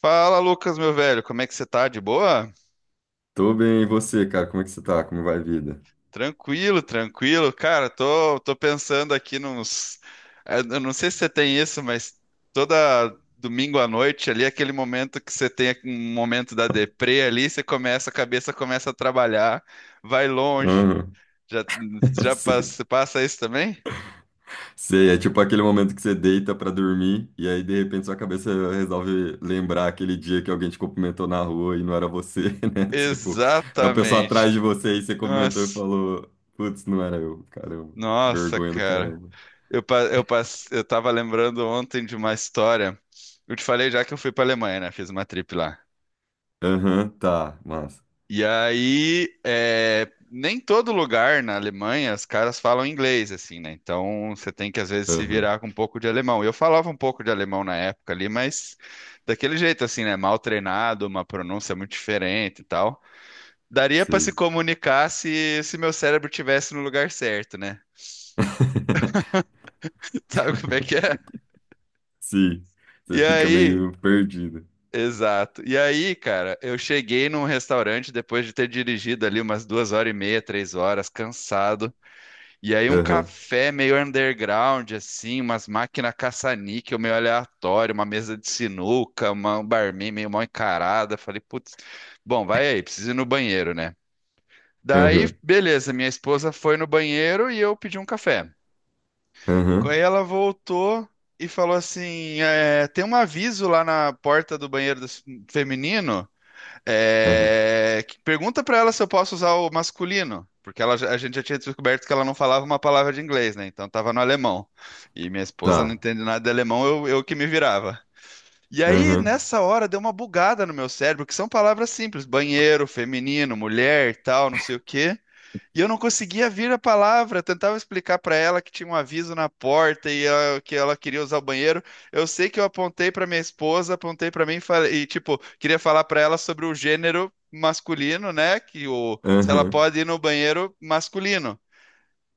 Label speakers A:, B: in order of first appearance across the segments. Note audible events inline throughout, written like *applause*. A: Fala, Lucas, meu velho, como é que você tá? De boa?
B: Tô bem, e você, cara? Como é que você tá? Como vai a vida?
A: Tranquilo, tranquilo. Cara, tô pensando aqui nos. Eu não sei se você tem isso, mas toda domingo à noite ali, aquele momento que você tem um momento da deprê ali, você começa, a cabeça começa a trabalhar, vai longe.
B: Aham.
A: Já,
B: *laughs*
A: já
B: Sei.
A: passa isso também?
B: Sei, é tipo aquele momento que você deita pra dormir e aí de repente sua cabeça resolve lembrar aquele dia que alguém te cumprimentou na rua e não era você, *laughs* né? Tipo, era uma pessoa
A: Exatamente.
B: atrás de você e você cumprimentou e
A: Nossa,
B: falou: putz, não era eu, caramba.
A: nossa,
B: Vergonha do
A: cara.
B: caramba.
A: Eu, pa- eu, pass- eu tava lembrando ontem de uma história. Eu te falei já que eu fui pra Alemanha, né? Fiz uma trip lá.
B: Aham, tá, massa.
A: E aí, é, nem todo lugar na Alemanha os caras falam inglês, assim, né? Então você tem que às vezes se
B: Aham,
A: virar com um pouco de alemão. Eu falava um pouco de alemão na época ali, mas daquele jeito, assim, né? Mal treinado, uma pronúncia muito diferente e tal. Daria pra se
B: sei.
A: comunicar se meu cérebro tivesse no lugar certo, né?
B: *laughs*
A: *laughs* Sabe como é que é?
B: Sim,
A: E
B: você fica
A: aí.
B: meio perdido.
A: Exato. E aí, cara, eu cheguei num restaurante depois de ter dirigido ali umas duas horas e meia, três horas, cansado. E aí um
B: Aham,
A: café meio underground, assim, umas máquinas caça-níquel meio aleatório, uma mesa de sinuca, uma um barman meio mal encarada. Falei, putz, bom, vai aí, preciso ir no banheiro, né? Daí,
B: aham,
A: beleza, minha esposa foi no banheiro e eu pedi um café.
B: aham,
A: Aí ela voltou e falou assim, é, tem um aviso lá na porta do banheiro feminino.
B: aham.
A: Pergunta pra ela se eu posso usar o masculino, porque a gente já tinha descoberto que ela não falava uma palavra de inglês, né? Então tava no alemão. E minha esposa não
B: Tá.
A: entende nada de alemão, eu que me virava. E aí,
B: Aham,
A: nessa hora, deu uma bugada no meu cérebro, que são palavras simples: banheiro, feminino, mulher, tal, não sei o quê. E eu não conseguia vir a palavra, tentava explicar para ela que tinha um aviso na porta e que ela queria usar o banheiro. Eu sei que eu apontei para minha esposa, apontei para mim e falei, tipo, queria falar para ela sobre o gênero masculino, né? Que o se ela
B: aham,
A: pode ir no banheiro masculino.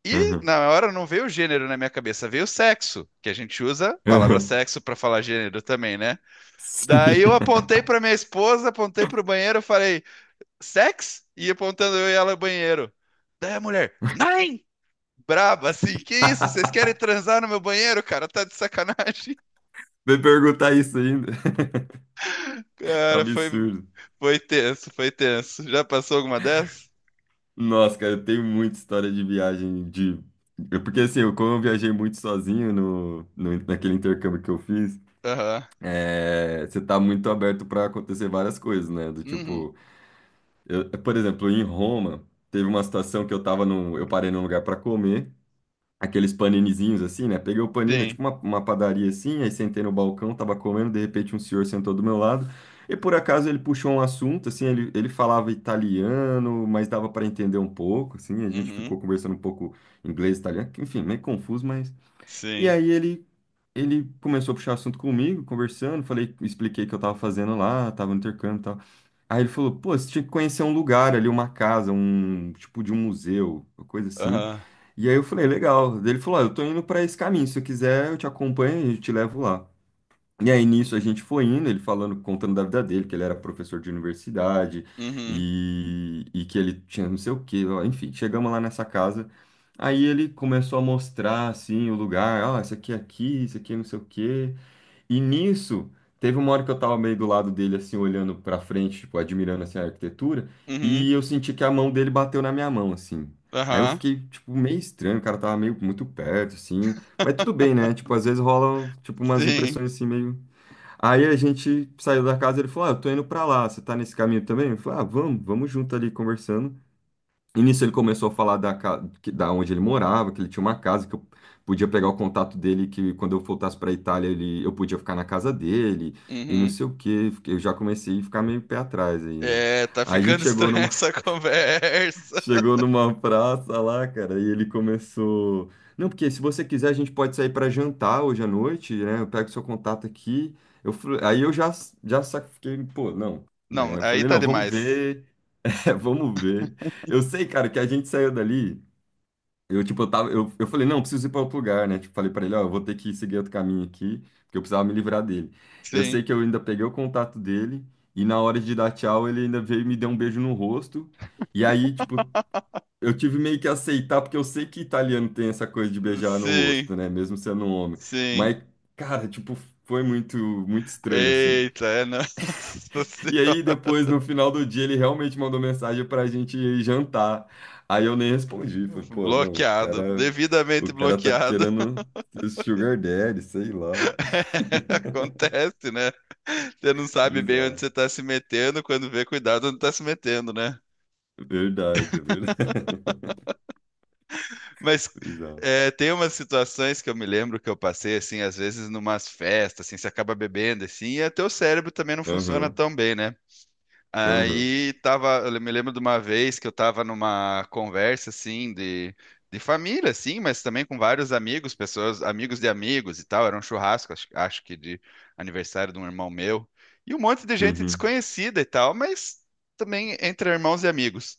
A: E
B: aham,
A: na hora não veio o gênero na minha cabeça, veio o sexo, que a gente usa a palavra
B: aham.
A: sexo para falar gênero também, né?
B: Sim.
A: Daí eu
B: *laughs*
A: apontei para minha esposa, apontei para o banheiro, falei sex? E apontando eu e ela no banheiro. Daí a mulher, nine! Braba, assim, que isso? Vocês querem transar no meu banheiro, cara? Tá de sacanagem. *laughs*
B: Vai perguntar isso ainda.
A: Cara,
B: Absurdo.
A: foi tenso, foi tenso. Já passou alguma dessas?
B: Nossa, cara, eu tenho muita história de viagem de. Porque assim, eu, como eu viajei muito sozinho no naquele intercâmbio que eu fiz,
A: Aham.
B: você tá muito aberto para acontecer várias coisas, né? Do
A: Uhum.
B: tipo, por exemplo, em Roma, teve uma situação que eu tava num. Eu parei num lugar para comer. Aqueles paninizinhos assim, né? Peguei o panini, é
A: Sim.
B: tipo uma padaria assim, aí sentei no balcão, tava comendo, de repente um senhor sentou do meu lado, e por acaso ele puxou um assunto, assim, ele falava italiano, mas dava para entender um pouco, assim, a gente
A: Uhum.
B: ficou conversando um pouco inglês, italiano, que, enfim, meio confuso, mas... E
A: Sim.
B: aí ele... Ele começou a puxar assunto comigo, conversando, falei, expliquei o que eu tava fazendo lá, tava no intercâmbio e tal. Aí ele falou, pô, você tinha que conhecer um lugar ali, uma casa, um tipo de um museu, uma coisa assim.
A: Aham.
B: E aí eu falei, legal. Daí ele falou, ó, eu tô indo pra esse caminho, se eu quiser eu te acompanho e te levo lá. E aí nisso a gente foi indo, ele falando, contando da vida dele, que ele era professor de universidade
A: Uhum.
B: e que ele tinha não sei o quê, ó, enfim, chegamos lá nessa casa. Aí ele começou a mostrar assim o lugar, ó, isso aqui é aqui, isso aqui é não sei o quê. E nisso, teve uma hora que eu tava meio do lado dele, assim, olhando pra frente, tipo, admirando, assim, a arquitetura,
A: Uhum.
B: e eu senti que a mão dele bateu na minha mão, assim. Aí eu
A: Aham.
B: fiquei, tipo, meio estranho, o cara tava meio muito perto, assim. Mas tudo bem, né? Tipo, às vezes rolam, tipo, umas
A: Sim.
B: impressões, assim, meio... Aí a gente saiu da casa, ele falou, ah, eu tô indo pra lá, você tá nesse caminho também? Eu falei, ah, vamos, vamos junto ali, conversando. E nisso ele começou a falar da onde ele morava, que ele tinha uma casa, que eu podia pegar o contato dele, que quando eu voltasse para a Itália ele, eu podia ficar na casa dele, e não
A: Uhum.
B: sei o quê. Eu já comecei a ficar meio pé atrás aí, né?
A: É, tá
B: Aí a gente
A: ficando
B: chegou
A: estranha
B: numa,
A: essa *laughs*
B: *laughs*
A: conversa.
B: chegou numa praça lá, cara, e ele começou. Não, porque se você quiser a gente pode sair para jantar hoje à noite, né? Eu pego seu contato aqui. Eu, falei- aí eu já, já sa- Fiquei, pô, não,
A: Não,
B: né? Eu
A: aí
B: falei,
A: tá
B: não, vamos
A: demais.
B: ver, *laughs* vamos ver. Eu sei, cara, que a gente saiu dali. Eu, tipo, eu tava, eu falei, não, eu preciso ir para outro lugar, né? Tipo, falei para ele, ó, eu vou ter que seguir outro caminho aqui, porque eu precisava me livrar dele. Eu
A: Sim.
B: sei que eu ainda peguei o contato dele, e na hora de dar tchau, ele ainda veio e me deu um beijo no rosto. E aí, tipo, eu tive meio que aceitar, porque eu sei que italiano tem essa coisa de beijar no
A: Sim.
B: rosto, né? Mesmo sendo um homem.
A: Sim.
B: Mas, cara, tipo, foi muito, muito estranho, assim.
A: Eita, é, nossa *laughs*
B: E aí,
A: senhora,
B: depois, no final do dia, ele realmente mandou mensagem pra gente ir jantar. Aí eu nem respondi. Falei, pô, não, o
A: bloqueado,
B: cara, o
A: devidamente
B: cara tá
A: bloqueado,
B: querendo ser sugar daddy, sei lá.
A: *laughs*
B: *laughs*
A: acontece, né? Você não sabe bem onde
B: Bizarro.
A: você está se metendo, quando vê, cuidado onde está se metendo, né?
B: Verdade, é verdade. *laughs*
A: Mas
B: Bizarro.
A: é, tem umas situações que eu me lembro que eu passei, assim, às vezes numas festas, assim, você acaba bebendo, assim, e até o cérebro também não funciona
B: Aham,
A: tão bem, né?
B: aham,
A: Aí tava, eu me lembro de uma vez que eu tava numa conversa assim de, família, assim, mas também com vários amigos, pessoas, amigos de amigos e tal. Era um churrasco, acho que de aniversário de um irmão meu, e um monte de gente
B: uhum,
A: desconhecida e tal, mas também entre irmãos e amigos.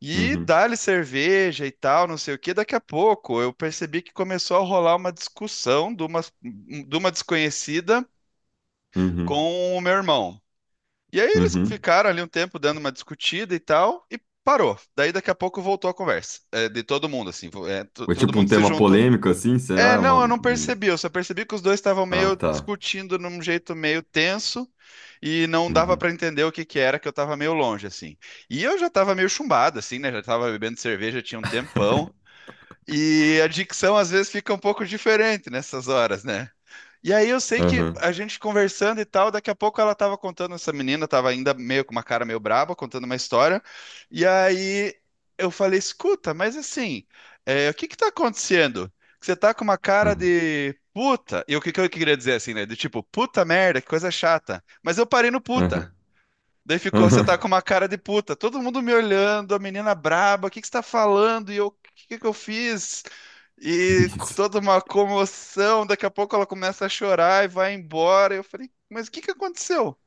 A: E
B: uhum,
A: dá-lhe cerveja e tal, não sei o quê. Daqui a pouco eu percebi que começou a rolar uma discussão de uma desconhecida
B: uhum,
A: com o meu irmão. E aí eles
B: uhum.
A: ficaram ali um tempo dando uma discutida e tal, e parou. Daí daqui a pouco voltou a conversa, é, de todo mundo, assim,
B: Ou
A: todo
B: tipo um
A: mundo se
B: tema
A: juntou.
B: polêmico assim, será?
A: É,
B: É.
A: não, eu não percebi, eu só percebi que os dois estavam
B: Ah,
A: meio
B: tá.
A: discutindo num jeito meio tenso e não dava
B: Uhum,
A: pra entender o que que era, que eu tava meio longe, assim. E eu já tava meio chumbado, assim, né, já tava bebendo cerveja tinha um tempão, e a dicção às vezes fica um pouco diferente nessas horas, né? E aí eu sei que
B: aham,
A: a gente conversando e tal, daqui a pouco ela tava contando, essa menina tava ainda meio com uma cara meio braba, contando uma história. E aí eu falei, escuta, mas assim, é, o que que tá acontecendo? Que você tá com uma cara
B: aham,
A: de puta. E o que que eu queria dizer assim, né? Do tipo, puta merda, que coisa chata. Mas eu parei no
B: aham,
A: puta. Daí ficou, você tá
B: aham.
A: com uma cara de puta, todo mundo me olhando, a menina braba, o que que você tá falando? E eu, o que que eu fiz?
B: *laughs* Que
A: E com
B: isso?
A: toda uma comoção, daqui a pouco ela começa a chorar e vai embora. Eu falei, mas o que que aconteceu?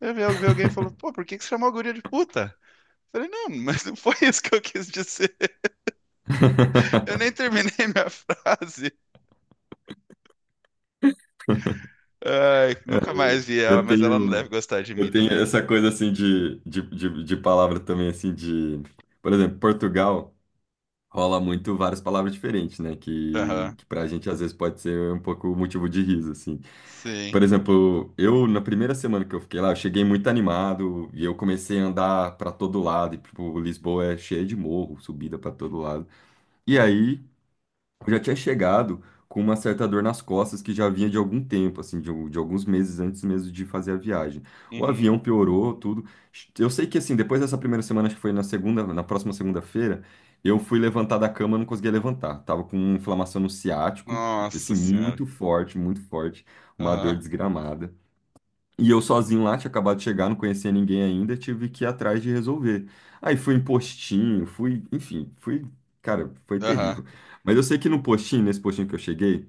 A: Eu vi alguém e falou, pô, por que que você chamou a guria de puta? Eu falei, não, mas não foi isso que eu quis dizer. Eu nem terminei minha *laughs* frase. Ai,
B: É,
A: nunca mais vi ela,
B: Eu
A: mas ela não
B: tenho,
A: deve gostar de mim
B: eu tenho
A: também.
B: essa coisa assim de palavra também assim de, por exemplo, Portugal rola muito várias palavras diferentes, né? Que,
A: Aham,
B: que pra gente às vezes pode ser um pouco motivo de riso, assim.
A: sim.
B: Por exemplo, eu na primeira semana que eu fiquei lá, eu cheguei muito animado e eu comecei a andar pra todo lado, e tipo, Lisboa é cheia de morro, subida pra todo lado. E
A: Uhum,
B: aí eu já tinha chegado com uma certa dor nas costas que já vinha de algum tempo, assim, de alguns meses antes mesmo de fazer a viagem. O
A: uhum.
B: avião piorou, tudo. Eu sei que, assim, depois dessa primeira semana, acho que foi na segunda, na próxima segunda-feira, eu fui levantar da cama, não conseguia levantar. Tava com uma inflamação no ciático,
A: Nossa
B: assim,
A: senhora.
B: muito forte, uma dor
A: Aham,
B: desgramada. E eu sozinho lá, tinha acabado de chegar, não conhecia ninguém ainda, tive que ir atrás de resolver. Aí fui em postinho, fui, enfim, fui, cara, foi
A: aham.
B: terrível. Mas eu sei que no postinho, nesse postinho que eu cheguei,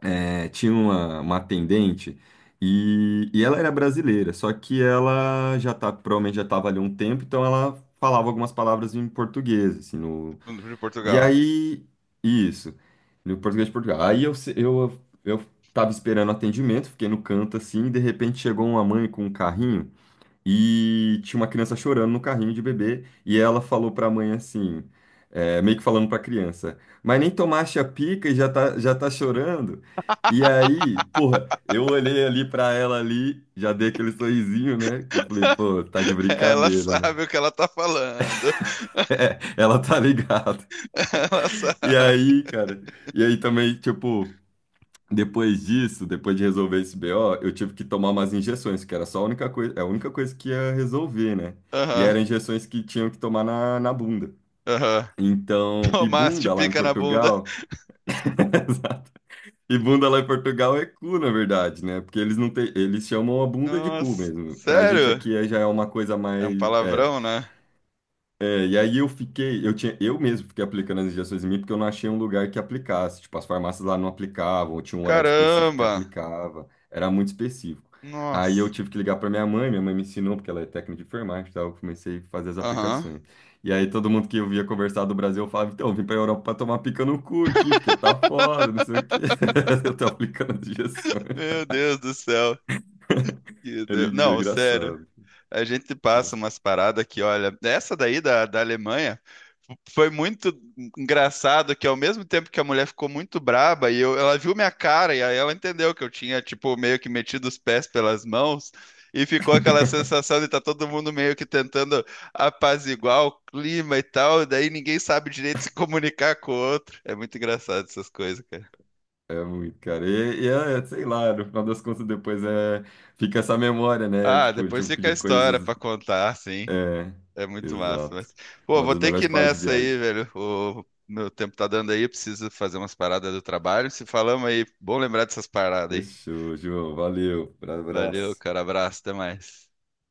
B: tinha uma atendente e ela era brasileira, só que ela já tá, provavelmente já estava ali há um tempo, então ela falava algumas palavras em português, assim, no,
A: De
B: e
A: Portugal.
B: aí, isso, no português de Portugal. Aí eu, se- eu tava esperando atendimento, fiquei no canto assim, e de repente chegou uma mãe com um carrinho e tinha uma criança chorando no carrinho de bebê. E ela falou pra mãe assim, é, meio que falando pra criança: mas nem tomaste a pica e já tá chorando. E aí, porra, eu olhei ali pra ela ali, já dei aquele sorrisinho, né? Que eu falei, pô,
A: *laughs*
B: tá de
A: Ela
B: brincadeira, né?
A: sabe o que ela tá falando. *laughs*
B: *laughs* Ela tá ligada.
A: Ela
B: E
A: sabe.
B: aí, cara, e aí também, tipo, depois disso, depois de resolver esse BO, eu tive que tomar umas injeções, que era só a única coisa que ia resolver, né? E
A: Aham,
B: eram injeções que tinham que tomar na bunda.
A: aham.
B: Então, e
A: Tomaste
B: bunda lá em
A: pica na bunda.
B: Portugal, *laughs* exato. E bunda lá em Portugal é cu, na verdade, né? Porque eles não têm, eles chamam a bunda de cu
A: Nossa,
B: mesmo. Pra gente
A: sério?
B: aqui já é uma coisa
A: É um
B: mais, é,
A: palavrão, né?
B: é, e aí eu fiquei, eu tinha, eu mesmo fiquei aplicando as injeções em mim porque eu não achei um lugar que aplicasse. Tipo, as farmácias lá não aplicavam, ou tinha um horário específico que
A: Caramba!
B: aplicava, era muito específico. Aí eu
A: Nossa.
B: tive que ligar para minha mãe me ensinou, porque ela é técnica de enfermagem, e eu comecei a fazer as
A: Aham.
B: aplicações. E aí todo mundo que eu via conversar do Brasil, eu falava, então, eu vim para Europa para tomar pica no cu aqui, porque tá foda, não sei o quê. *laughs* Eu tô aplicando as injeções.
A: Meu Deus do céu. Que
B: *laughs* Era
A: Deus. Não, sério.
B: engraçado.
A: A gente passa
B: Engraçado.
A: umas paradas que, olha, essa daí da, Alemanha. Foi muito engraçado que ao mesmo tempo que a mulher ficou muito braba ela viu minha cara e aí ela entendeu que eu tinha tipo meio que metido os pés pelas mãos e ficou aquela sensação de tá todo mundo meio que tentando apaziguar o clima e tal, e daí ninguém sabe direito *laughs* se comunicar com o outro. É muito engraçado essas coisas, cara.
B: É muito, cara. Sei lá, no final das contas, depois fica essa memória, né?
A: Ah,
B: Tipo,
A: depois
B: tipo
A: fica a
B: de
A: história
B: coisas.
A: pra contar, sim.
B: É,
A: É muito massa,
B: exato.
A: mas... Pô,
B: Uma
A: vou
B: das
A: ter que
B: melhores
A: ir
B: partes de
A: nessa aí,
B: viagem.
A: velho. O meu tempo tá dando aí, eu preciso fazer umas paradas do trabalho. Se falamos aí, bom lembrar dessas paradas aí.
B: Fechou, João. Valeu.
A: Valeu,
B: Abraço.
A: cara. Abraço, até mais.